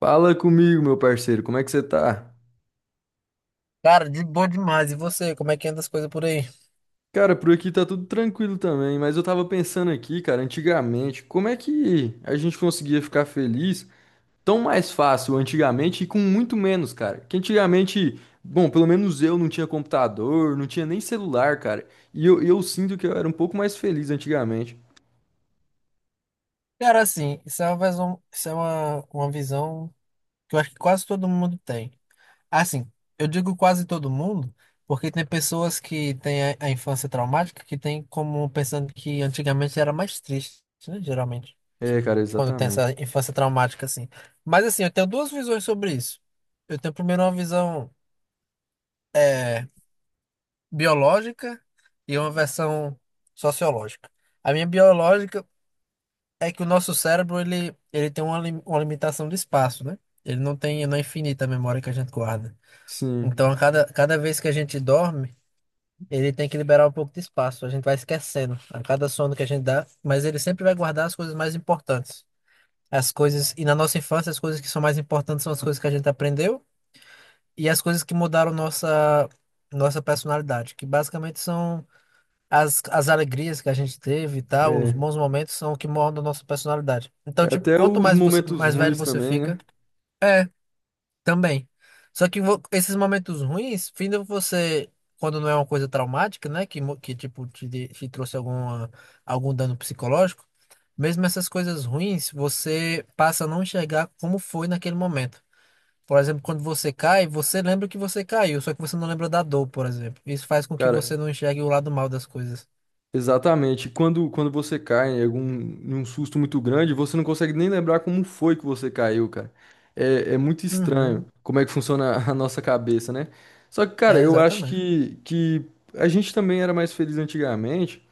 Fala comigo, meu parceiro, como é que você tá? Cara, de boa demais. E você, como é que anda as coisas por aí? Cara, por aqui tá tudo tranquilo também, mas eu tava pensando aqui, cara, antigamente, como é que a gente conseguia ficar feliz tão mais fácil antigamente e com muito menos, cara? Que antigamente, bom, pelo menos eu não tinha computador, não tinha nem celular, cara, e eu sinto que eu era um pouco mais feliz antigamente. Cara, assim, isso é uma visão, isso é uma visão que eu acho que quase todo mundo tem. Assim, eu digo quase todo mundo, porque tem pessoas que têm a infância traumática que tem como pensando que antigamente era mais triste, né? Geralmente, É, cara, quando tem essa exatamente. infância traumática, assim. Mas assim, eu tenho duas visões sobre isso. Eu tenho primeiro uma visão é, biológica e uma versão sociológica. A minha biológica é que o nosso cérebro ele tem uma, uma limitação de espaço, né? Ele não tem, não é infinita a memória que a gente guarda. Sim, Então, a cada vez que a gente dorme, ele tem que liberar um pouco de espaço. A gente vai esquecendo a cada sono que a gente dá, mas ele sempre vai guardar as coisas mais importantes. E na nossa infância, as coisas que são mais importantes são as coisas que a gente aprendeu e as coisas que mudaram nossa personalidade, que basicamente são as alegrias que a gente teve e tal. Os é. bons momentos são o que moldam a nossa personalidade. É, Então, tipo, até quanto os mais você, momentos mais velho ruins você também, fica, né? é, também. Só que esses momentos ruins, findam você, quando não é uma coisa traumática, né, que tipo, te trouxe alguma, algum dano psicológico, mesmo essas coisas ruins, você passa a não enxergar como foi naquele momento. Por exemplo, quando você cai, você lembra que você caiu, só que você não lembra da dor, por exemplo. Isso faz com que Cara, você não enxergue o lado mal das coisas. exatamente. Quando você cai em algum, em um susto muito grande, você não consegue nem lembrar como foi que você caiu, cara. É, é muito estranho Uhum. como é que funciona a nossa cabeça, né? Só que, cara, É, eu acho exatamente. que a gente também era mais feliz antigamente,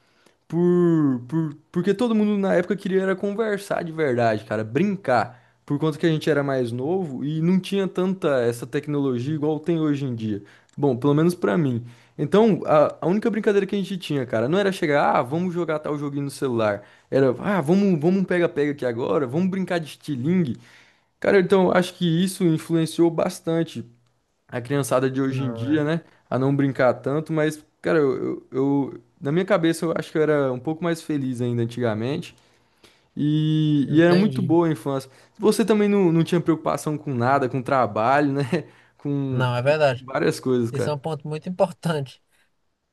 porque todo mundo na época queria era conversar de verdade, cara, brincar. Por conta que a gente era mais novo e não tinha tanta essa tecnologia igual tem hoje em dia. Bom, pelo menos pra mim. Então, a única brincadeira que a gente tinha, cara, não era chegar, ah, vamos jogar tal joguinho no celular. Era, ah, vamos, vamos um pega-pega aqui agora, vamos brincar de estilingue. Cara, então acho que isso influenciou bastante a criançada de hoje em Não, dia, é. né? A não brincar tanto, mas, cara, na minha cabeça eu acho que eu era um pouco mais feliz ainda antigamente. E era muito Entendi. boa a infância. Você também não tinha preocupação com nada, com trabalho, né? Com Não, é verdade. várias coisas, Esse é cara. um ponto muito importante.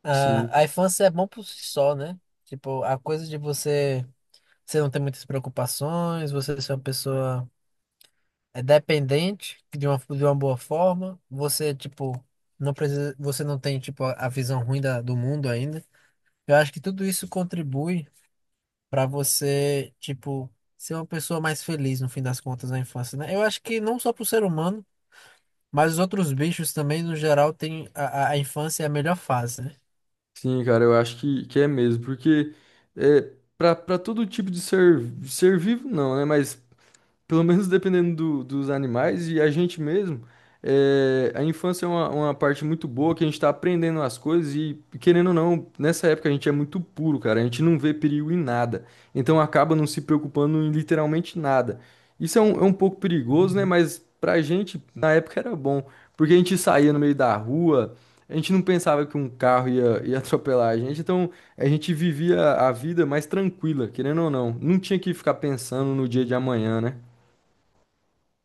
Ah, Sim, a infância é bom por si só, né? Tipo, a coisa de você, você não ter muitas preocupações, você ser uma pessoa dependente de uma boa forma, você, tipo, não precisa, você não tem, tipo, a visão ruim da, do mundo ainda. Eu acho que tudo isso contribui para você, tipo, ser uma pessoa mais feliz no fim das contas na infância, né? Eu acho que não só pro ser humano, mas os outros bichos também, no geral, tem a infância é a melhor fase, né? sim, cara, eu acho que é mesmo, porque é, para todo tipo de ser, ser vivo, não, né? Mas pelo menos dependendo do- dos animais e a gente mesmo, é, a infância é uma parte muito boa que a gente tá aprendendo as coisas e, querendo ou não, nessa época a gente é muito puro, cara. A gente não vê perigo em nada. Então acaba não se preocupando em literalmente nada. Isso é um pouco perigoso, né? Mas pra gente, na época era bom, porque a gente saía no meio da rua. A gente não pensava que um carro ia atropelar a gente, então a gente vivia a vida mais tranquila, querendo ou não. Não tinha que ficar pensando no dia de amanhã, né?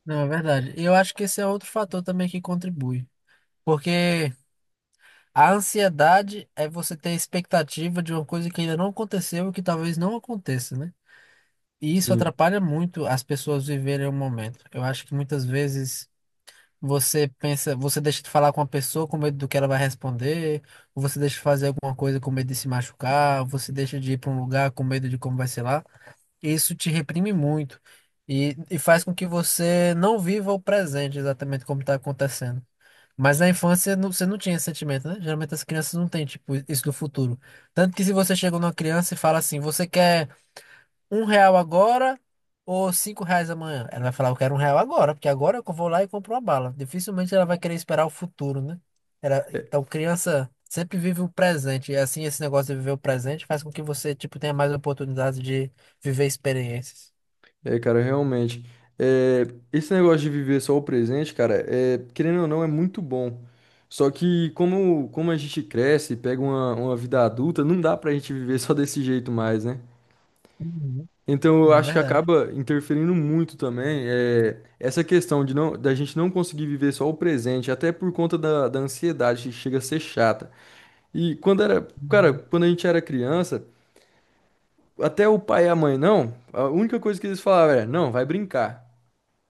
Não, é verdade. E eu acho que esse é outro fator também que contribui. Porque a ansiedade é você ter a expectativa de uma coisa que ainda não aconteceu e que talvez não aconteça, né? E isso Sim. atrapalha muito as pessoas viverem o momento. Eu acho que muitas vezes você pensa, você deixa de falar com a pessoa com medo do que ela vai responder, ou você deixa de fazer alguma coisa com medo de se machucar, ou você deixa de ir para um lugar com medo de como vai ser lá. Isso te reprime muito e, faz com que você não viva o presente exatamente como está acontecendo. Mas na infância você não tinha esse sentimento, né? Geralmente as crianças não têm, tipo, isso do futuro. Tanto que se você chega numa criança e fala assim, você quer R$ 1 agora ou R$ 5 amanhã? Ela vai falar, eu quero R$ 1 agora, porque agora eu vou lá e compro uma bala. Dificilmente ela vai querer esperar o futuro, né? Ela- É, então criança sempre vive o presente. E assim, esse negócio de viver o presente faz com que você, tipo, tenha mais oportunidades de viver experiências. é, cara, realmente. É, esse negócio de viver só o presente, cara, é, querendo ou não, é muito bom. Só que como a gente cresce e pega uma vida adulta, não dá pra gente viver só desse jeito mais, né? Uhum. Então eu É acho que verdade. acaba interferindo muito também é, essa questão de não, da gente não conseguir viver só o presente, até por conta da, da ansiedade que chega a ser chata. E quando era, cara, Uhum. quando a gente era criança, até o pai e a mãe não, a única coisa que eles falavam era, não, vai brincar.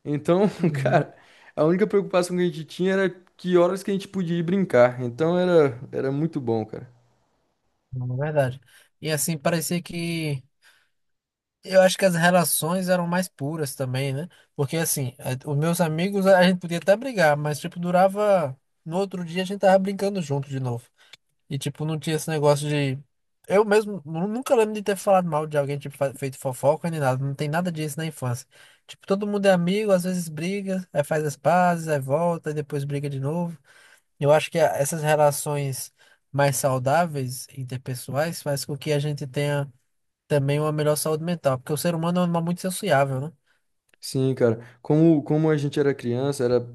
Então, Uhum. cara, a única preocupação que a gente tinha era que horas que a gente podia ir brincar. Então era, era muito bom, cara. Não, é verdade. E assim, parecia que. Eu acho que as relações eram mais puras também, né? Porque assim, os meus amigos, a gente podia até brigar, mas tipo, durava. No outro dia a gente tava brincando junto de novo. E tipo, não tinha esse negócio de. Eu mesmo nunca lembro de ter falado mal de alguém, tipo, feito fofoca nem nada. Não tem nada disso na infância. Tipo, todo mundo é amigo, às vezes briga, aí faz as pazes, aí volta, e depois briga de novo. Eu acho que essas relações mais saudáveis, interpessoais, faz com que a gente tenha também uma melhor saúde mental, porque o ser humano é um animal muito sociável, né? Sim, cara. Como a gente era criança, era,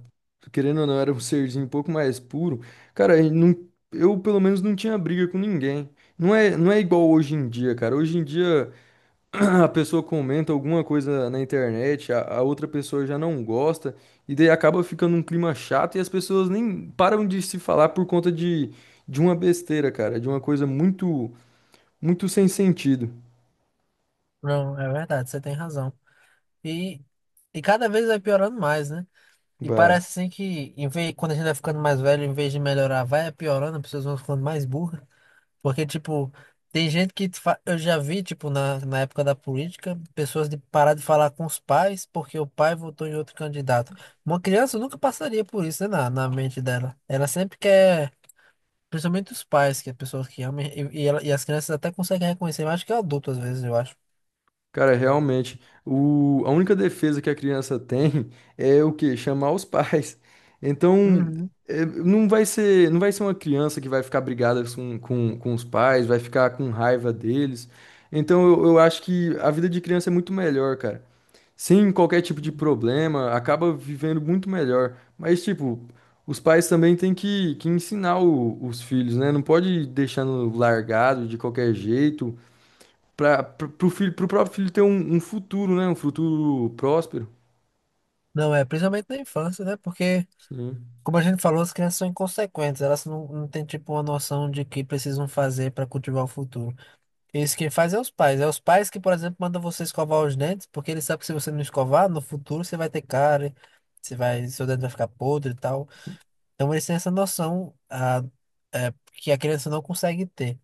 querendo ou não, era um serzinho um pouco mais puro. Cara, a não, eu pelo menos não tinha briga com ninguém. Não é igual hoje em dia, cara. Hoje em dia a pessoa comenta alguma coisa na internet, a outra pessoa já não gosta, e daí acaba ficando um clima chato e as pessoas nem param de se falar por conta de uma besteira, cara, de uma coisa muito, muito sem sentido. Não, é verdade, você tem razão. E, e cada vez vai piorando mais, né? E Vai. parece assim que em vez, quando a gente vai ficando mais velho, em vez de melhorar, vai piorando, as pessoas vão ficando mais burras. Porque, tipo, tem gente que eu já vi, tipo, na época da política, pessoas de parar de falar com os pais porque o pai votou em outro candidato. Uma criança nunca passaria por isso, né, na mente dela. Ela sempre quer, principalmente os pais, que é pessoas que amam, e as crianças até conseguem reconhecer, mais que adulto às vezes, eu acho. Cara, realmente, o, a única defesa que a criança tem é o quê? Chamar os pais. Então, Uhum. é, não vai ser uma criança que vai ficar brigada com os pais, vai ficar com raiva deles. Então, eu acho que a vida de criança é muito melhor, cara. Sem qualquer tipo de problema, acaba vivendo muito melhor. Mas, tipo, os pais também têm que ensinar o- os filhos, né? Não pode deixando largado de qualquer jeito para pro filho, pro próprio filho ter um, um futuro, né? Um futuro próspero. Não, é, principalmente na infância, né? Porque, Sim. como a gente falou, as crianças são inconsequentes, elas não têm, tipo, uma noção de que precisam fazer para cultivar o futuro. Isso quem faz é os pais. É os pais que, por exemplo, mandam você escovar os dentes, porque eles sabem que se você não escovar, no futuro você vai ter cárie, você vai, seu dente vai ficar podre e tal. Então eles têm essa noção é, que a criança não consegue ter.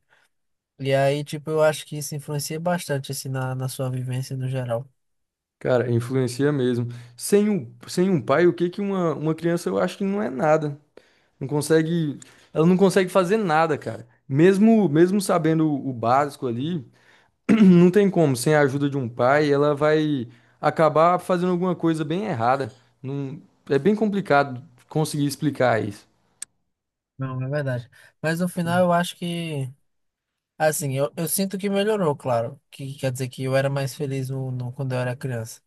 E aí, tipo, eu acho que isso influencia bastante, assim, na sua vivência no geral. Cara, influencia mesmo. Sem um pai, o que que uma criança, eu acho que não é nada. Não consegue, ela não consegue fazer nada, cara. Mesmo, mesmo sabendo o básico ali, não tem como. Sem a ajuda de um pai, ela vai acabar fazendo alguma coisa bem errada. Não, é bem complicado conseguir explicar isso. Não, é verdade. Mas no final eu acho que, assim, eu sinto que melhorou, claro. Que quer dizer que eu era mais feliz quando eu era criança.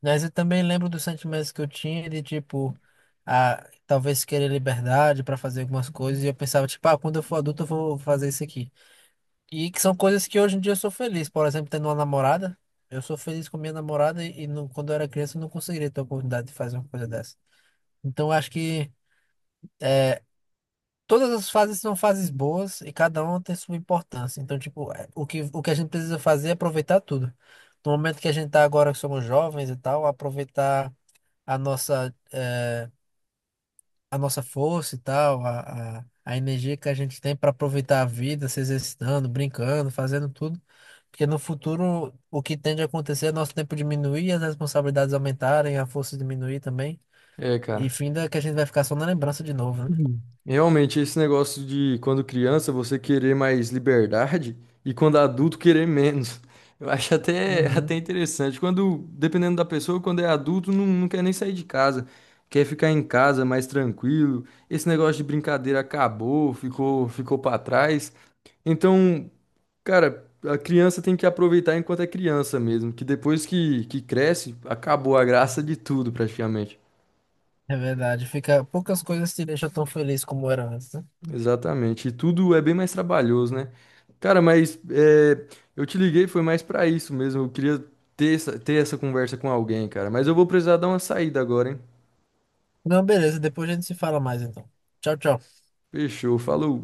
Mas eu também lembro dos sentimentos que eu tinha de, tipo, talvez querer liberdade para fazer algumas coisas. E eu pensava, tipo, ah, quando eu for adulto eu vou fazer isso aqui. E que são coisas que hoje em dia eu sou feliz. Por exemplo, tendo uma namorada. Eu sou feliz com minha namorada e quando eu era criança eu não conseguiria ter a oportunidade de fazer uma coisa dessa. Então eu acho que todas as fases são fases boas e cada uma tem sua importância. Então, tipo, o que a gente precisa fazer é aproveitar tudo. No momento que a gente tá agora que somos jovens e tal, aproveitar a nossa eh, a nossa força e tal, a energia que a gente tem para aproveitar a vida, se exercitando, brincando, fazendo tudo. Porque no futuro, o que tende a acontecer é nosso tempo diminuir, as responsabilidades aumentarem, a força diminuir também. É, E cara. finda que a gente vai ficar só na lembrança de novo, né? Uhum. Realmente, esse negócio de quando criança você querer mais liberdade e quando adulto querer menos. Eu acho até, até Uhum. interessante. Quando, dependendo da pessoa, quando é adulto, não quer nem sair de casa. Quer ficar em casa mais tranquilo. Esse negócio de brincadeira acabou, ficou para trás. Então, cara, a criança tem que aproveitar enquanto é criança mesmo, que depois que cresce, acabou a graça de tudo praticamente. É verdade. Fica, poucas coisas te deixam tão feliz como era antes, né? Exatamente. E tudo é bem mais trabalhoso, né? Cara, mas é, eu te liguei, foi mais pra isso mesmo. Eu queria ter essa conversa com alguém, cara. Mas eu vou precisar dar uma saída agora, hein? Não, beleza. Depois a gente se fala mais, então. Tchau, tchau. Fechou, falou.